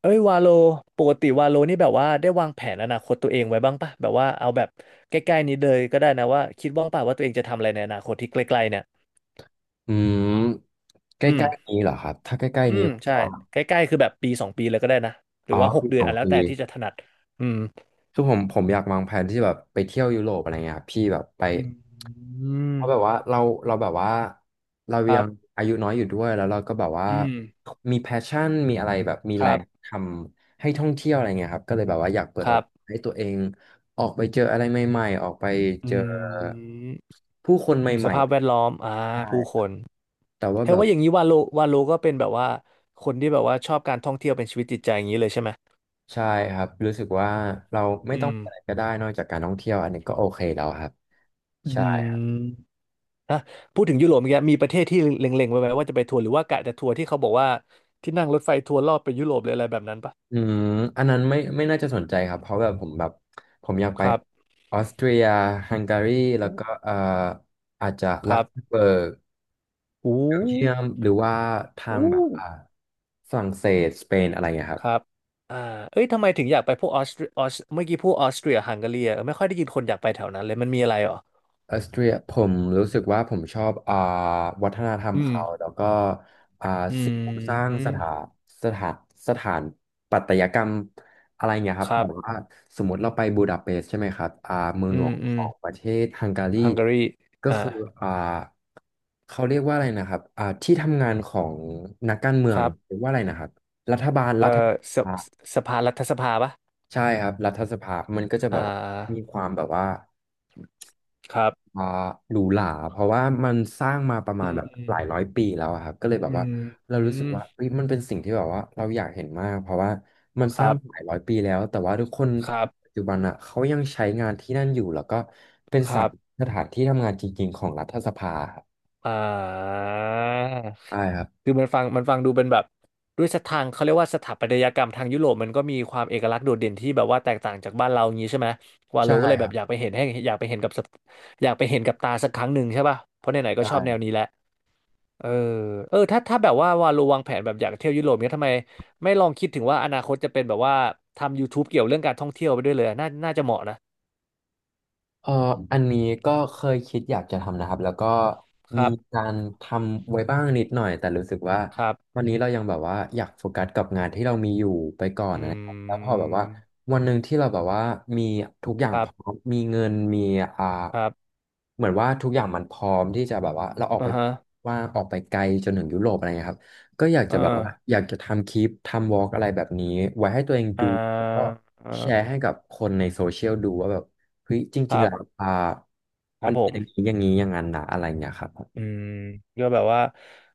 เอ้ยวาโลปกติวาโลนี่แบบว่าได้วางแผนอนาคตตัวเองไว้บ้างปะแบบว่าเอาแบบใกล้ๆนี้เลยก็ได้นะว่าคิดว่างปะว่าตัวเองจะทำอะไรในอนาคตที่ใกล้ๆเนี่ยอืมใกลอืม้ๆนี้เหรอครับถ้าใกล้อืๆนี้มผมใช่ว่าใกล้ๆคือแบบปีสองปีเลยก็ได้นะหรืออ๋อว่าหกปีเดืสอนองอ่ะแล้วปีแต่ที่จะถนัดอืมคือผมอยากวางแผนที่แบบไปเที่ยวยุโรปอะไรเงี้ยครับพี่แบบไปอืเพราะแบบมว่าเราแบบว่าเราครัยังบอายุน้อยอยู่ด้วยแล้วเราก็แบบว่าอืมมีแพชชั่นมีอะไรแบบมีคแรรับงทำให้ท่องเที่ยวอะไรเงี้ยครับก็เลยแบบว่าอยากเปิคดโอรักาสบให้ตัวเองออกไปเจออะไรใหม่ๆออกไปอืเจอมผู้คนใหสม่ภาพแวดล้อมอ่าๆใช่ผู้คนแต่ว่าแค่แบบ ว่าอย่างนี้วาโลก็เป็นแบบว่าคนที่แบบว่าชอบการท่องเที่ยวเป็นชีวิตจิตใจอย่างนี้เลยใช่ไหมใช่ครับรู้สึกว่าเราไม่อืต้องมมีอะไรก็ได้นอกจากการท่องเที่ยวอันนี้ก็โอเคแล้วครับอืใช่ม ครับฮะพูดถึงยุโรปเมื่อกี้มีประเทศที่เล็งๆไว้ไหมว่าจะไปทัวร์หรือว่ากะจะทัวร์ที่เขาบอกว่าที่นั่งรถไฟทัวร์รอบไปยุโรปหรืออะไรแบบนั้นปะอืมอันนั้นไม่น่าจะสนใจครับเพราะแบบผมแบบผมอยากคไปรับออสเตรียฮังการีแล้วอู้ก็อาจจะคลักรับเซมเบิร์กอู้เบลเยียมหรือว่าทางอู้แบบฝรั่งเศสสเปนอะไรอย่างเงี้ยคครับ รับอ่าเอ้ยทำไมถึงอยากไปพวกออสเตรียออสเมื่อกี้พูดออสเตรียฮังการีอะไม่ค่อยได้ยินคนอยากไปแถวนั้นเลยมันมีอะไรเหรอออสเตรียผมรู้สึกว่าผมชอบวัฒนธรรมอืมเขาแล้วก็อ่าอืสิ่งปลูกสร้างมสถานสถานปัตยกรรมอะไรเงี้ยคครับรัแบบบว่าสมมติเราไปบูดาเปสต์ใช่ไหมครับเมืองอืหลวมงอืขมองประเทศฮังการีฮังการีก็อ่าคืออ่าเขาเรียกว่าอะไรนะครับที่ทำงานของนักการเมือคงรับเรียกว่าอะไรนะครับเอ่อรัฐสสภาสสภารัฐสภาปะใช่ครับรัฐสภามันก็จะแบอ่บว่ามีาความแบบว่า ครับอ่าหรูหราเพราะว่ามันสร้างมาประอืมาณมแบบอืหมลายร้อยปีแล้วอะครับก็เลยแบอืบว่ามเราอืรู้สึมกว่าเฮ้ยมันเป็นสิ่งที่แบบว่าเราอยากเห็นมากเพราะว่ามันคสร้างรับ มาหลายร้อยปีแล้วแต่ว่าทุกคนครับปัจจุบันอ่ะเขายังใช้งานที่นั่นอยู่แล้วก็เป็นครับสถานที่ทำงานจริงๆของรัฐสภาครับอ่าใช่ครับคือมันฟังดูเป็นแบบด้วยสถางเขาเรียกว่าสถาปัตยกรรมทางยุโรปมันก็มีความเอกลักษณ์โดดเด่นที่แบบว่าแตกต่างจากบ้านเราอย่างนี้ใช่ไหมวาโลใช่ก็เลยคแบรับบอยากไปเห็นให้อยากไปเห็นกับสักอยากไปเห็นกับตาสักครั้งหนึ่งใช่ป่ะเพราะไหนๆก็ชอบแนวใช่ นี้แหละเออเออถ้าแบบว่าวาโลวางแผนแบบอยากเที่ยวยุโรปเนี้ยทำไมไม่ลองคิดถึงว่าอนาคตจะเป็นแบบว่าทำยู u ูบ e เกี่ยวเรื่องการท่องเที่ยวไปด้วยเลยอะน่าจะเหมาะนะเอ่ออันนี้ก็เคยคิดอยากจะทำนะครับแล้วก็คมีรับการทำไว้บ้างนิดหน่อยแต่รู้สึกว่าครับวันนี้เรายังแบบว่าอยากโฟกัสกับงานที่เรามีอยู่ไปก่อนอนะครับแล้ืวพอแบบว่ามวันหนึ่งที่เราแบบว่ามีทุกอย่างครัพร้อบมมีเงินมีอ่าครับ เหมือนว่าทุกอย่างมันพร้อมที่จะแบบว่าเราออกอ่าไปฮะว่าออกไปไกลจนถึงยุโรปอะไรเงี้ยครับก็อยากอ่จะแบบว่าาอยากจะทำคลิปทำวอล์กอะไรแบบนี้ไว้ให้ตัวเองดูแล้อ่าวก็อ่าแชร์ให้กับคนในโซเชียลดูว่าแบบ เฮ้ยจคริงรัๆแล้วบ ครัมับนผเป็นมอย่างนี้อย่างนี้อย่างนั้นนะอะไรเนี่ยครับผมอืมก็แบบว่า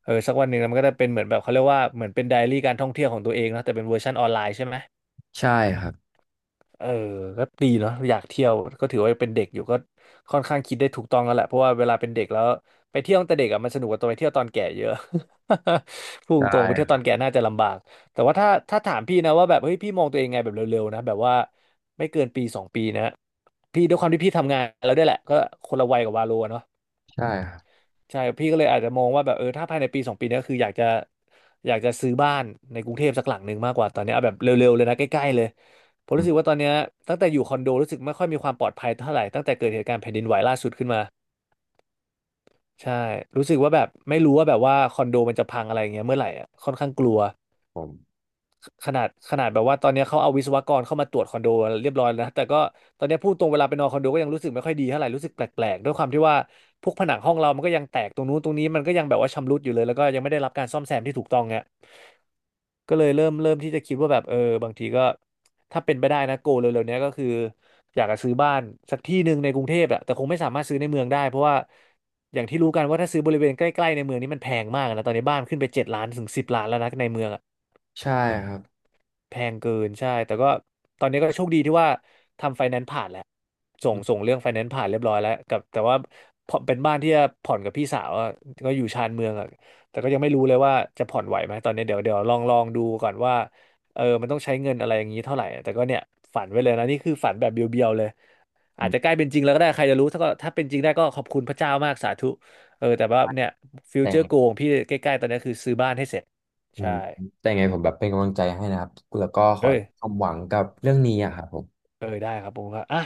เออสักวันหนึ่งมันก็จะเป็นเหมือนแบบ เขาเรียกว่า เหมือนเป็นไดอารี่การท่องเที่ยวของตัวเองเนอะแต่เป็นเวอร์ชันออนไลน์ใช่ไหม ใช่ครับเออก็ดีเนาะอยากเที่ยวก็ถือว่าเป็นเด็กอยู่ก็ค่อนข้างคิดได้ถูกต้องแล้วแหละเพราะว่าเวลาเป็นเด็กแล้วไปเที่ยวตั้งแต่เด็กอะมันสนุกกว่าตอนไปเที่ยวตอนแก่เยอะ พูดตใช่รงๆไปเที่ยวคตอรันบแก่น่าจะลำบากแต่ว่าถ้าถามพี่นะว่าแบบเฮ้ยพี่มองตัวเองไงแบบเร็วๆนะแบบว่าไม่เกินปีสองปีนะพี่ด้วยความที่พี่ทำงานแล้วด้วยแหละก็คนละวัยกับวาโลอะเนาะ ใช่ครับใช่พี่ก็เลยอาจจะมองว่าแบบเออถ้าภายในปีสองปีเนี้ยคืออยากจะซื้อบ้านในกรุงเทพสักหลังหนึ่งมากกว่าตอนเนี้ยเอาแบบเร็วๆเลยนะใกล้ๆเลยผมอืรู้มสึกว่าตอนเนี้ยตั้งแต่อยู่คอนโดรู้สึกไม่ค่อยมีความปลอดภัยเท่าไหร่ตั้งแต่เกิดเหตุการณ์แผ่นดินไหวล่าสุดขึ้นมาใช่รู้สึกว่าแบบไม่รู้ว่าแบบว่าคอนโดมันจะพังอะไรอย่างเงี้ยเมื่อไหร่อ่ะค่อนข้างกลัว ผมขนาดแบบว่าตอนเนี้ยเขาเอาวิศวกรเข้ามาตรวจคอนโดเรียบร้อยแล้วนะแต่ก็ตอนเนี้ยพูดตรงเวลาไปนอนคอนโดก็ยังรู้สึกไม่ค่อยดีเท่าไหร่รู้สึกแปลกๆด้วยความที่ว่าพวกผนังห้องเรามันก็ยังแตกตรงนู้นตรงนี้มันก็ยังแบบว่าชำรุดอยู่เลยแล้วก็ยังไม่ได้รับการซ่อมแซมที่ถูกต้องเนี่ยก็เลยเริ่มที่จะคิดว่าแบบเออบางทีก็ถ้าเป็นไปได้นะโกเร็วๆเนี้ยก็คืออยากจะซื้อบ้านสักที่หนึ่งในกรุงเทพอะแต่คงไม่สามารถซื้อในเมืองได้เพราะว่าอย่างที่รู้กันว่าถ้าซื้อบริเวณใกล้ๆในเมืองนี่มันแพงมากนะตอนนี้บ้านขึ้นไป7 ล้านถึง10 ล้านแล้วนะในเมืองอะ ใช่ครับแพงเกินใช่แต่ก็ตอนนี้ก็โชคดีที่ว่าทำไฟแนนซ์ผ่านแล้วส่งอืมส่งเรื่องไฟแนนซ์ผ่านเรียบร้อยแล้วกับแต่ว่าพอเป็นบ้านที่จะผ่อนกับพี่สาวอะก็อยู่ชานเมืองอะแต่ก็ยังไม่รู้เลยว่าจะผ่อนไหวไหมตอนนี้เดี๋ยวลองดูก่อนว่ามันต้องใช้เงินอะไรอย่างนี้เท่าไหร่อะแต่ก็เนี่ยฝันไว้เลยนะนี่คือฝันแบบเบียวๆเลยอือาจมจะใกล้เป็นจริงแล้วก็ได้ใครจะรู้ถ้าถ้าเป็นจริงได้ก็ขอบคุณพระเจ้ามากสาธุแต่ว่าเนี่ยฟิวแต่เจอร์โกของพี่ใกล้ๆตอนนี้คือซื้อบ้านให้เสร็จอืใช่มแต่ยังไงผมแบบเป็นกำลังใจให้นะครับแล้วก็ขอเอ้ย ความหวังกับเรื่องนี้อะครับผม ได้ครับผมครับอ่ะ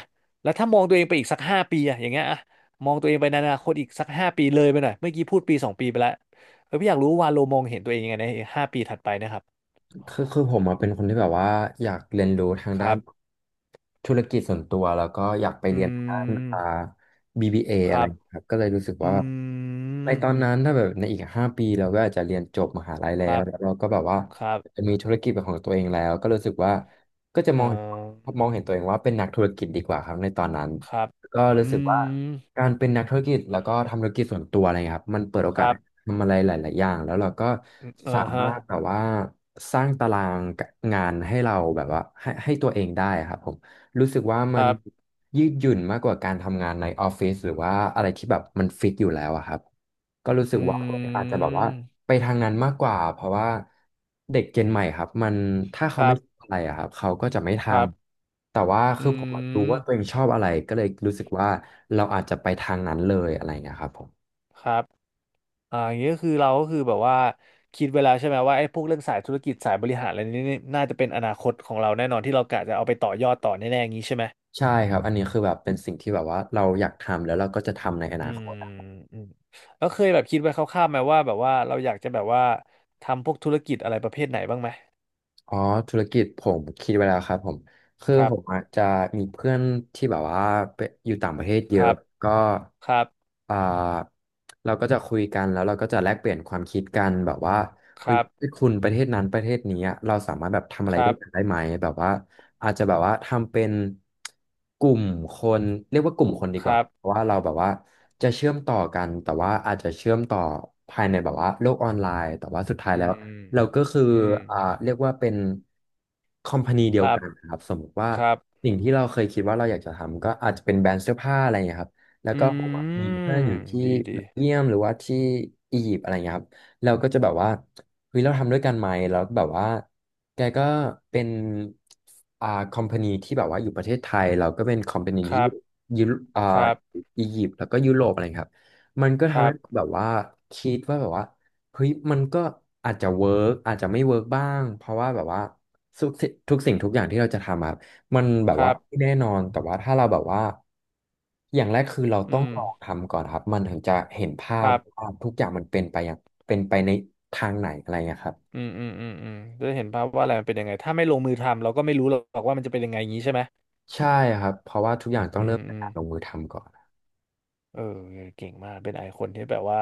แล้วถ้ามองตัวเองไปอีกสักห้าปีอะอย่างเงี้ยอะมองตัวเองไปในอนาคตอีกสักห้าปีเลยไปหน่อยเมื่อกี้พูด1-2 ปีไปแล้วพี่อยากรู้ว่าโลมองเห็นตัวเองยังไงในห้าปีถัดไปนะครับคือผมอะเป็นคนที่แบบว่าอยากเรียนรู้ทางคด้ารันบธุรกิจส่วนตัวแล้วก็อยากไปอืเรียนทางด้านม BBA อคอะไรรับครับก็เลยรู้สึกอืว่าในตอมนนั้นถ้าแบบในอีก5 ปีเราก็อาจจะเรียนจบมหาลัยคแล้รัวบแล้วเราก็แบบว่าครับมีธุรกิจเป็นของตัวเองแล้วก็รู้สึกว่าก็จะเอ่อมองเห็นตัวเองว่าเป็นนักธุรกิจดีกว่าครับในตอนนั้นครับก็รู้อืสึกว่า มการเป็นนักธุรกิจแล้วก็ทำธุรกิจส่วนตัวอะไรเงี้ยครับมันเปิดโอคกาสรับให้ทำอะไรหลายๆอย่างแล้วเราก็เอสาอมาฮะรถแบบว่าสร้างตารางงานให้เราแบบว่าให้ตัวเองได้ครับผม รู้สึกว่าคมันรับยืดหยุ่นมากกว่าการทำงานในออฟฟิศหรือว่าอะไรที่แบบมันฟิกอยู่แล้วอะครับก็รู้สึอกว่าือาจจะแบบว่ามไปทางนั้นมากกว่าเพราะว่าเด็กเจนใหม่ครับมันถ้าคเขารัไม่บชอบอะไรอะครับเขาก็จะไม่ทครับำแต่ว่าคืออืผมอะรู้มว่าตัวเองชอบอะไรก็เลยรู้สึกว่าเราอาจจะไปทางนั้นเลยอะไรอย่างเงี้ยครับผมครับ อ่าอย่างนี้ก็คือเราก็คือแบบว่าคิดเวแลาใช่ไหมว่าไอ้พวกเรื่องสายธุรกิจสายบริหารอะไรนี้นี่น่าจะเป็นอนาคตของเราแน่นอนที่เรากะจะเอาไปต่อยอดต่อแน่ๆอย่างนี้ใช่ไหมใช่ครับอันนี้คือแบบเป็นสิ่งที่แบบว่าเราอยากทำแล้วเราก็จะทำในออืนาคมต อืมแล้วเคยแบบคิดไว้คร่าวๆไหมว่าแบบว่าเราอยากจะแบบว่าทำพวกธุรกิจอะไรประเภทไหนบ้างไหมอ๋อธุรกิจผมคิดไว้แล้วครับผมคือครัผบมอะจะมีเพื่อนที่แบบว่าไปอยู่ต่างประเทศเยคอะรับก็ครับอ่าเราก็จะคุยกันแล้วเราก็จะแลกเปลี่ยนความคิดกันแบบว่าคเฮ้ยรับคุณประเทศนั้นประเทศนี้อะเราสามารถแบบทำอะคไรด้รัวยบกันได้ไหมแบบว่าอาจจะแบบว่าทำเป็นกลุ่มคนเรียกว่ากลุ่มคนดีคกว่ารับเพราะว่าเราแบบว่าจะเชื่อมต่อกันแต่ว่าอาจจะเชื่อมต่อภายในแบบว่าโลกออนไลน์แต่ว่าสุดท้ายอืแล้ว มเราก็คืออืมอ่าเรียกว่าเป็นคอมพานีเดีคยวรับกันครับสมมติว่าครับสิ่งที่เราเคยคิดว่าเราอยากจะทำก็อาจจะเป็นแบรนด์เสื้อผ้าอะไรอย่างเงี้ยครับแล้วอืก็ผมอะมีเพื่อนมอยู่ที่ดีเบดีลเยียมหรือว่าที่อียิปต์อะไรเงี้ยครับเราก็จะแบบว่าเฮ้ยเราทำด้วยกันไหมแล้วแบบว่าแกก็เป็นคอมพานีที่แบบว่าอยู่ประเทศไทยเราก็เป็นคอมพานีคที่รับยุโรอ่าครับอียิปต์แล้วก็ยุโรปอะไรครับมันก็คทำรัให้บแบบว่าคิดว่าแบบว่า เฮ้ยมันก็อาจจะเวิร์กอาจจะไม่เวิร์กบ้างเพราะว่าแบบว่าทุกสิ่งทุกอย่างที่เราจะทำอะมันแบคบรัว่าไม่บแน่นอนแต่ว่าถ้าเราแบบว่าอย่างแรกคือเราอืต้องลองมทำก่อนครับมันถึงจะเห็นภาคพรับ ว่าทุกอย่างมันเป็นไปอย่างเป็นไปในทางไหนอะไรเงี้ยครับอืมอืมอืมอืมจะได้เห็นภาพว่าอะไรมันเป็นยังไงถ้าไม่ลงมือทำเราก็ไม่รู้หรอกว่ามันจะเป็นยังไงอย่างนี้ใช่ไหมใช่ครับเพราะว่าทุกอย่างต้ออืงเริ่มมจาอืกม การลงมือทำก่อนเออเก่งมากเป็นไอคอนที่แบบว่า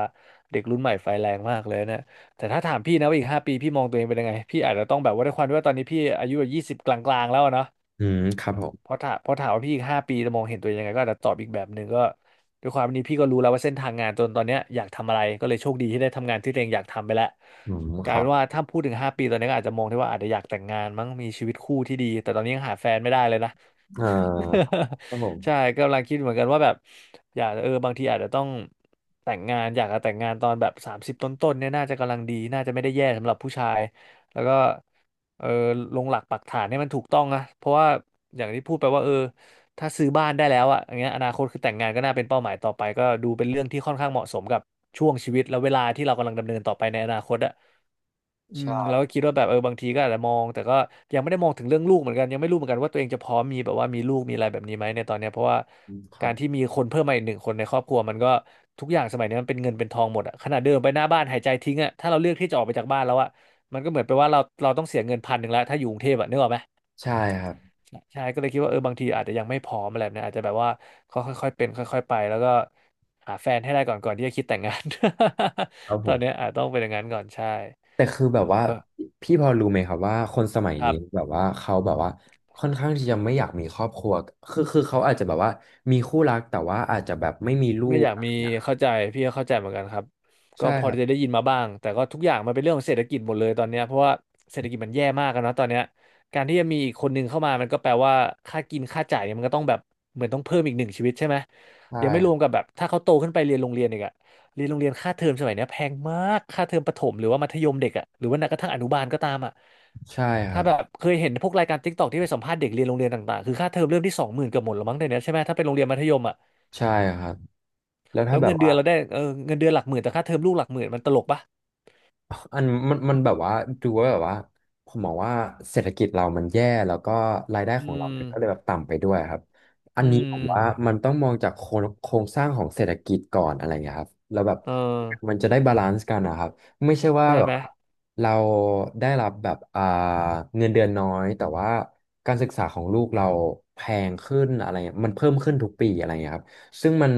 เด็กรุ่นใหม่ไฟแรงมากเลยนะแต่ถ้าถามพี่นะว่าอีกห้าปีพี่มองตัวเองเป็นยังไงพี่อาจจะต้องแบบว่าด้วยความที่ว่าตอนนี้พี่อายุแบบ20กลางๆแล้วอะเนาะอืมครับผมเพราะถามว่าพี่อีกห้าปีจะมองเห็นตัวเองยังไงก็อาจจะตอบอีกแบบหนึ่งก็ด้วยความนี้พี่ก็รู้แล้วว่าเส้นทางงานจนตอนเนี้ยอยากทำอะไรก็เลยโชคดีที่ได้ทำงานที่ตัวเองอยากทำไปแล้วอืมกคลายรัเป็บนว่าถ้าพูดถึงห้าปีตอนนี้ก็อาจจะมองได้ว่าอาจจะอยากแต่งงานมั้งมีชีวิตคู่ที่ดีแต่ตอนนี้ยังหาแฟนไม่ได้เลยนะ เอ่อครับผ ใช่มกำลังคิดเหมือนกันว่าแบบอยากบางทีอาจจะต้องแต่งงานอยากจะแต่งงานตอนแบบ30ต้นๆเนี่ยน่าจะกำลังดีน่าจะไม่ได้แย่สำหรับผู้ชายแล้วก็เออลงหลักปักฐานให้มันถูกต้องนะเพราะว่าอย่างที่พูดไปว่าถ้าซื้อบ้านได้แล้วอ่ะอย่างเงี้ยอนาคตคือแต่งงานก็น่าเป็นเป้าหมายต่อไปก็ดูเป็นเรื่องที่ค่อนข้างเหมาะสมกับช่วงชีวิตและเวลาที่เรากำลังดำเนินต่อไปในอนาคตอ่ะอืมเราใช่ก็คิดว่าแบบบางทีก็อาจจะมองแต่ก็ยังไม่ได้มองถึงเรื่องลูกเหมือนกันยังไม่รู้เหมือนกันว่าตัวเองจะพร้อมมีแบบว่ามีลูกมีอะไรแบบนี้ไหมในตอนเนี้ยเพราะว่าครักาบรที่มีคนเพิ่มมาอีก1 คนในครอบครัวมันก็ทุกอย่างสมัยนี้มันเป็นเงินเป็นทองหมดอ่ะขนาดเดินไปหน้าบ้านหายใจทิ้งอ่ะถ้าเราเลือกที่จะออกไปจากบ้านแล้วอ่ะมันก็เหมือนไปว่าเราต้องเสียเงิน1,000แล้วถ้าอยู่กรุงเทพอะนึกออกไหม ใช่ครับใช่ก็เลยคิดว่าบางทีอาจจะยังไม่พร้อมอะไรแบบนี้อาจจะแบบว่าค่อยค่อยๆเป็นค่อยๆไปแล้วก็หาแฟนให้ได้ก่อนที่จะคิดแต่งงาน ครับ ผตอนมเนี้ยอาจต้องเป็นอย่างนั้นก่อนใช่แต่คือแบบ เออพี่พอรู้ไหมครับว่าคนสมัยครันี้บ แบบว่าเขาแบบว่าค่อนข้างที่จะไม่อยากมีครอบครัวคือเขาอาจจะแบบว่ามีคู่รักแต่ว่าอาจจะแบบไม่มีลูไม่กอยากอะไรมีนะครับเข้าใจพี่ก็เข้าใจเหมือนกันครับก็ใช่พอครับจะได้ยินมาบ้างแต่ก็ทุกอย่างมันเป็นเรื่องของเศรษฐกิจหมดเลยตอนเนี้ยเพราะว่าเศรษฐกิจมันแย่มากกันนอะตอนเนี้ยการที่จะมีอีก 1 คนเข้ามามันก็แปลว่าค่ากินค่าจ่ายเนี่ยมันก็ต้องแบบเหมือนต้องเพิ่มอีก 1 ชีวิตใช่ไหมใช่ยังไม่รวมกับแบบถ้าเขาโตขึ้นไปเรียนโรงเรียนอีกอะเรียนโรงเรียนค่าเทอมสมัยเนี้ยแพงมากค่าเทอมประถมหรือว่ามัธยมเด็กอะหรือว่าแม้กระทั่งอนุบาลก็ตามอะใช่คถ้ารัแบบบเคยเห็นพวกรายการ TikTokที่ไปสัมภาษณ์เด็กเรียนโรงเรียนต่างๆคือค่าเทอมเริ่มที่20,000เกือบหมดแล้วมั้งเดี๋ยวนี้ใช่ไหมถ้าเป็นโรงเรียนมัธยมอะ ใช่ครับแล้วแล้ถ้าวแบบเงินเดืว่า อนเราได้เงินเดือนหลักหมื่นแต่ค่าเทอมลูกหลักหมื่นมันตลกปะอันมันแบบว่าดูว่าแบบว่าผมมองว่าเศรษฐกิจเรามันแย่แล้วก็รายได้อืของเรามมันก็เลยแบบต่ำไปด้วยครับอัอืนนี้ผมว่ามมันต้องมองจากโครงสร้างของเศรษฐกิจก่อนอะไรเงี้ยครับแล้วแบบเออมันจะได้บาลานซ์กันนะครับไม่ใช่ว่าใช่แบไหบมเราได้รับแบบเงินเดือนน้อยแต่ว่าการศึกษาของลูกเราแพงขึ้นอะไรเงี้ยมันเพิ่มขึ้นทุกปีอะไรเงี้ยครับ ซึ่งมัน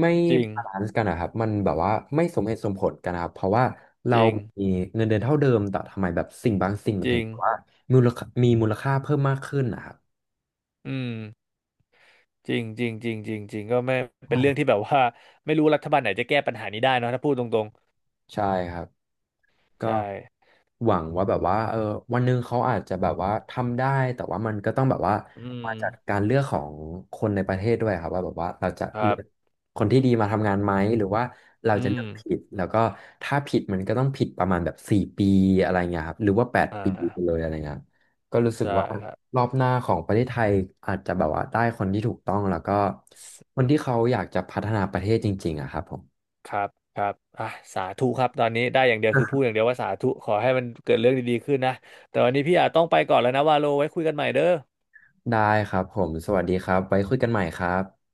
ไม่จริง บาลานซ์กันนะครับมันแบบว่าไม่สมเหตุสมผลกันนะครับ เพราะว่าจเราริง มีเงินเดือนเท่าเดิมแต่ทำไมแบบสิ่งบางสิ่งมัจนถึริงงแบบว่ามูลค่ามีมูลค่าเพิ่มมากขึ้นนะครับ อืมจริงจริงจริงจริงจริงก็ไม่เป็นใช่เรื่องที่แบบว่า ไม่รู้รัฐบาลไหนจะแก้ปัญหานี้ได้เนอะถ้าพูดตรงใช่ครับ ๆก็ใช่หวังว่าแบบว่าเออวันหนึ่งเขาอาจจะแบบว่าทำได้แต่ว่ามันก็ต้องแบบว่าอืมมาจากการเลือกของคนในประเทศด้วยครับว่าแบบว่าเราจะครัเลืบอกคนที่ดีมาทำงานไหมหรือว่าเราอืจะเลืมอกผิดแล้วก็ถ้าผิดมันก็ต้องผิดประมาณแบบ4 ปีอะไรเงี้ยครับหรือว่าแปดอ่ปีไปเลายอะไรเงี้ยก็รู้สึกได้ว่าครับรอบหน้าของประเทศไทยอาจจะแบบว่าได้คนที่ถูกต้องแล้วก็สคนที่เขาอยากจะพัฒนาประเทศจริงๆอะครับผมครับครับอ่ะสาธุครับตอนนี้ได้อย่างเดียวคือพูดอย่างเดียวว่าสาธุขอให้มันเกิดเรื่องดีๆขึ้นนะแต่วันนี้พี่อาจต้องไปก่อนแล้วนะว่าโลไว้คุยกันใหม่เด้อได้ครับผมสวัสดีครับไว้คุยกันใหม่ครับ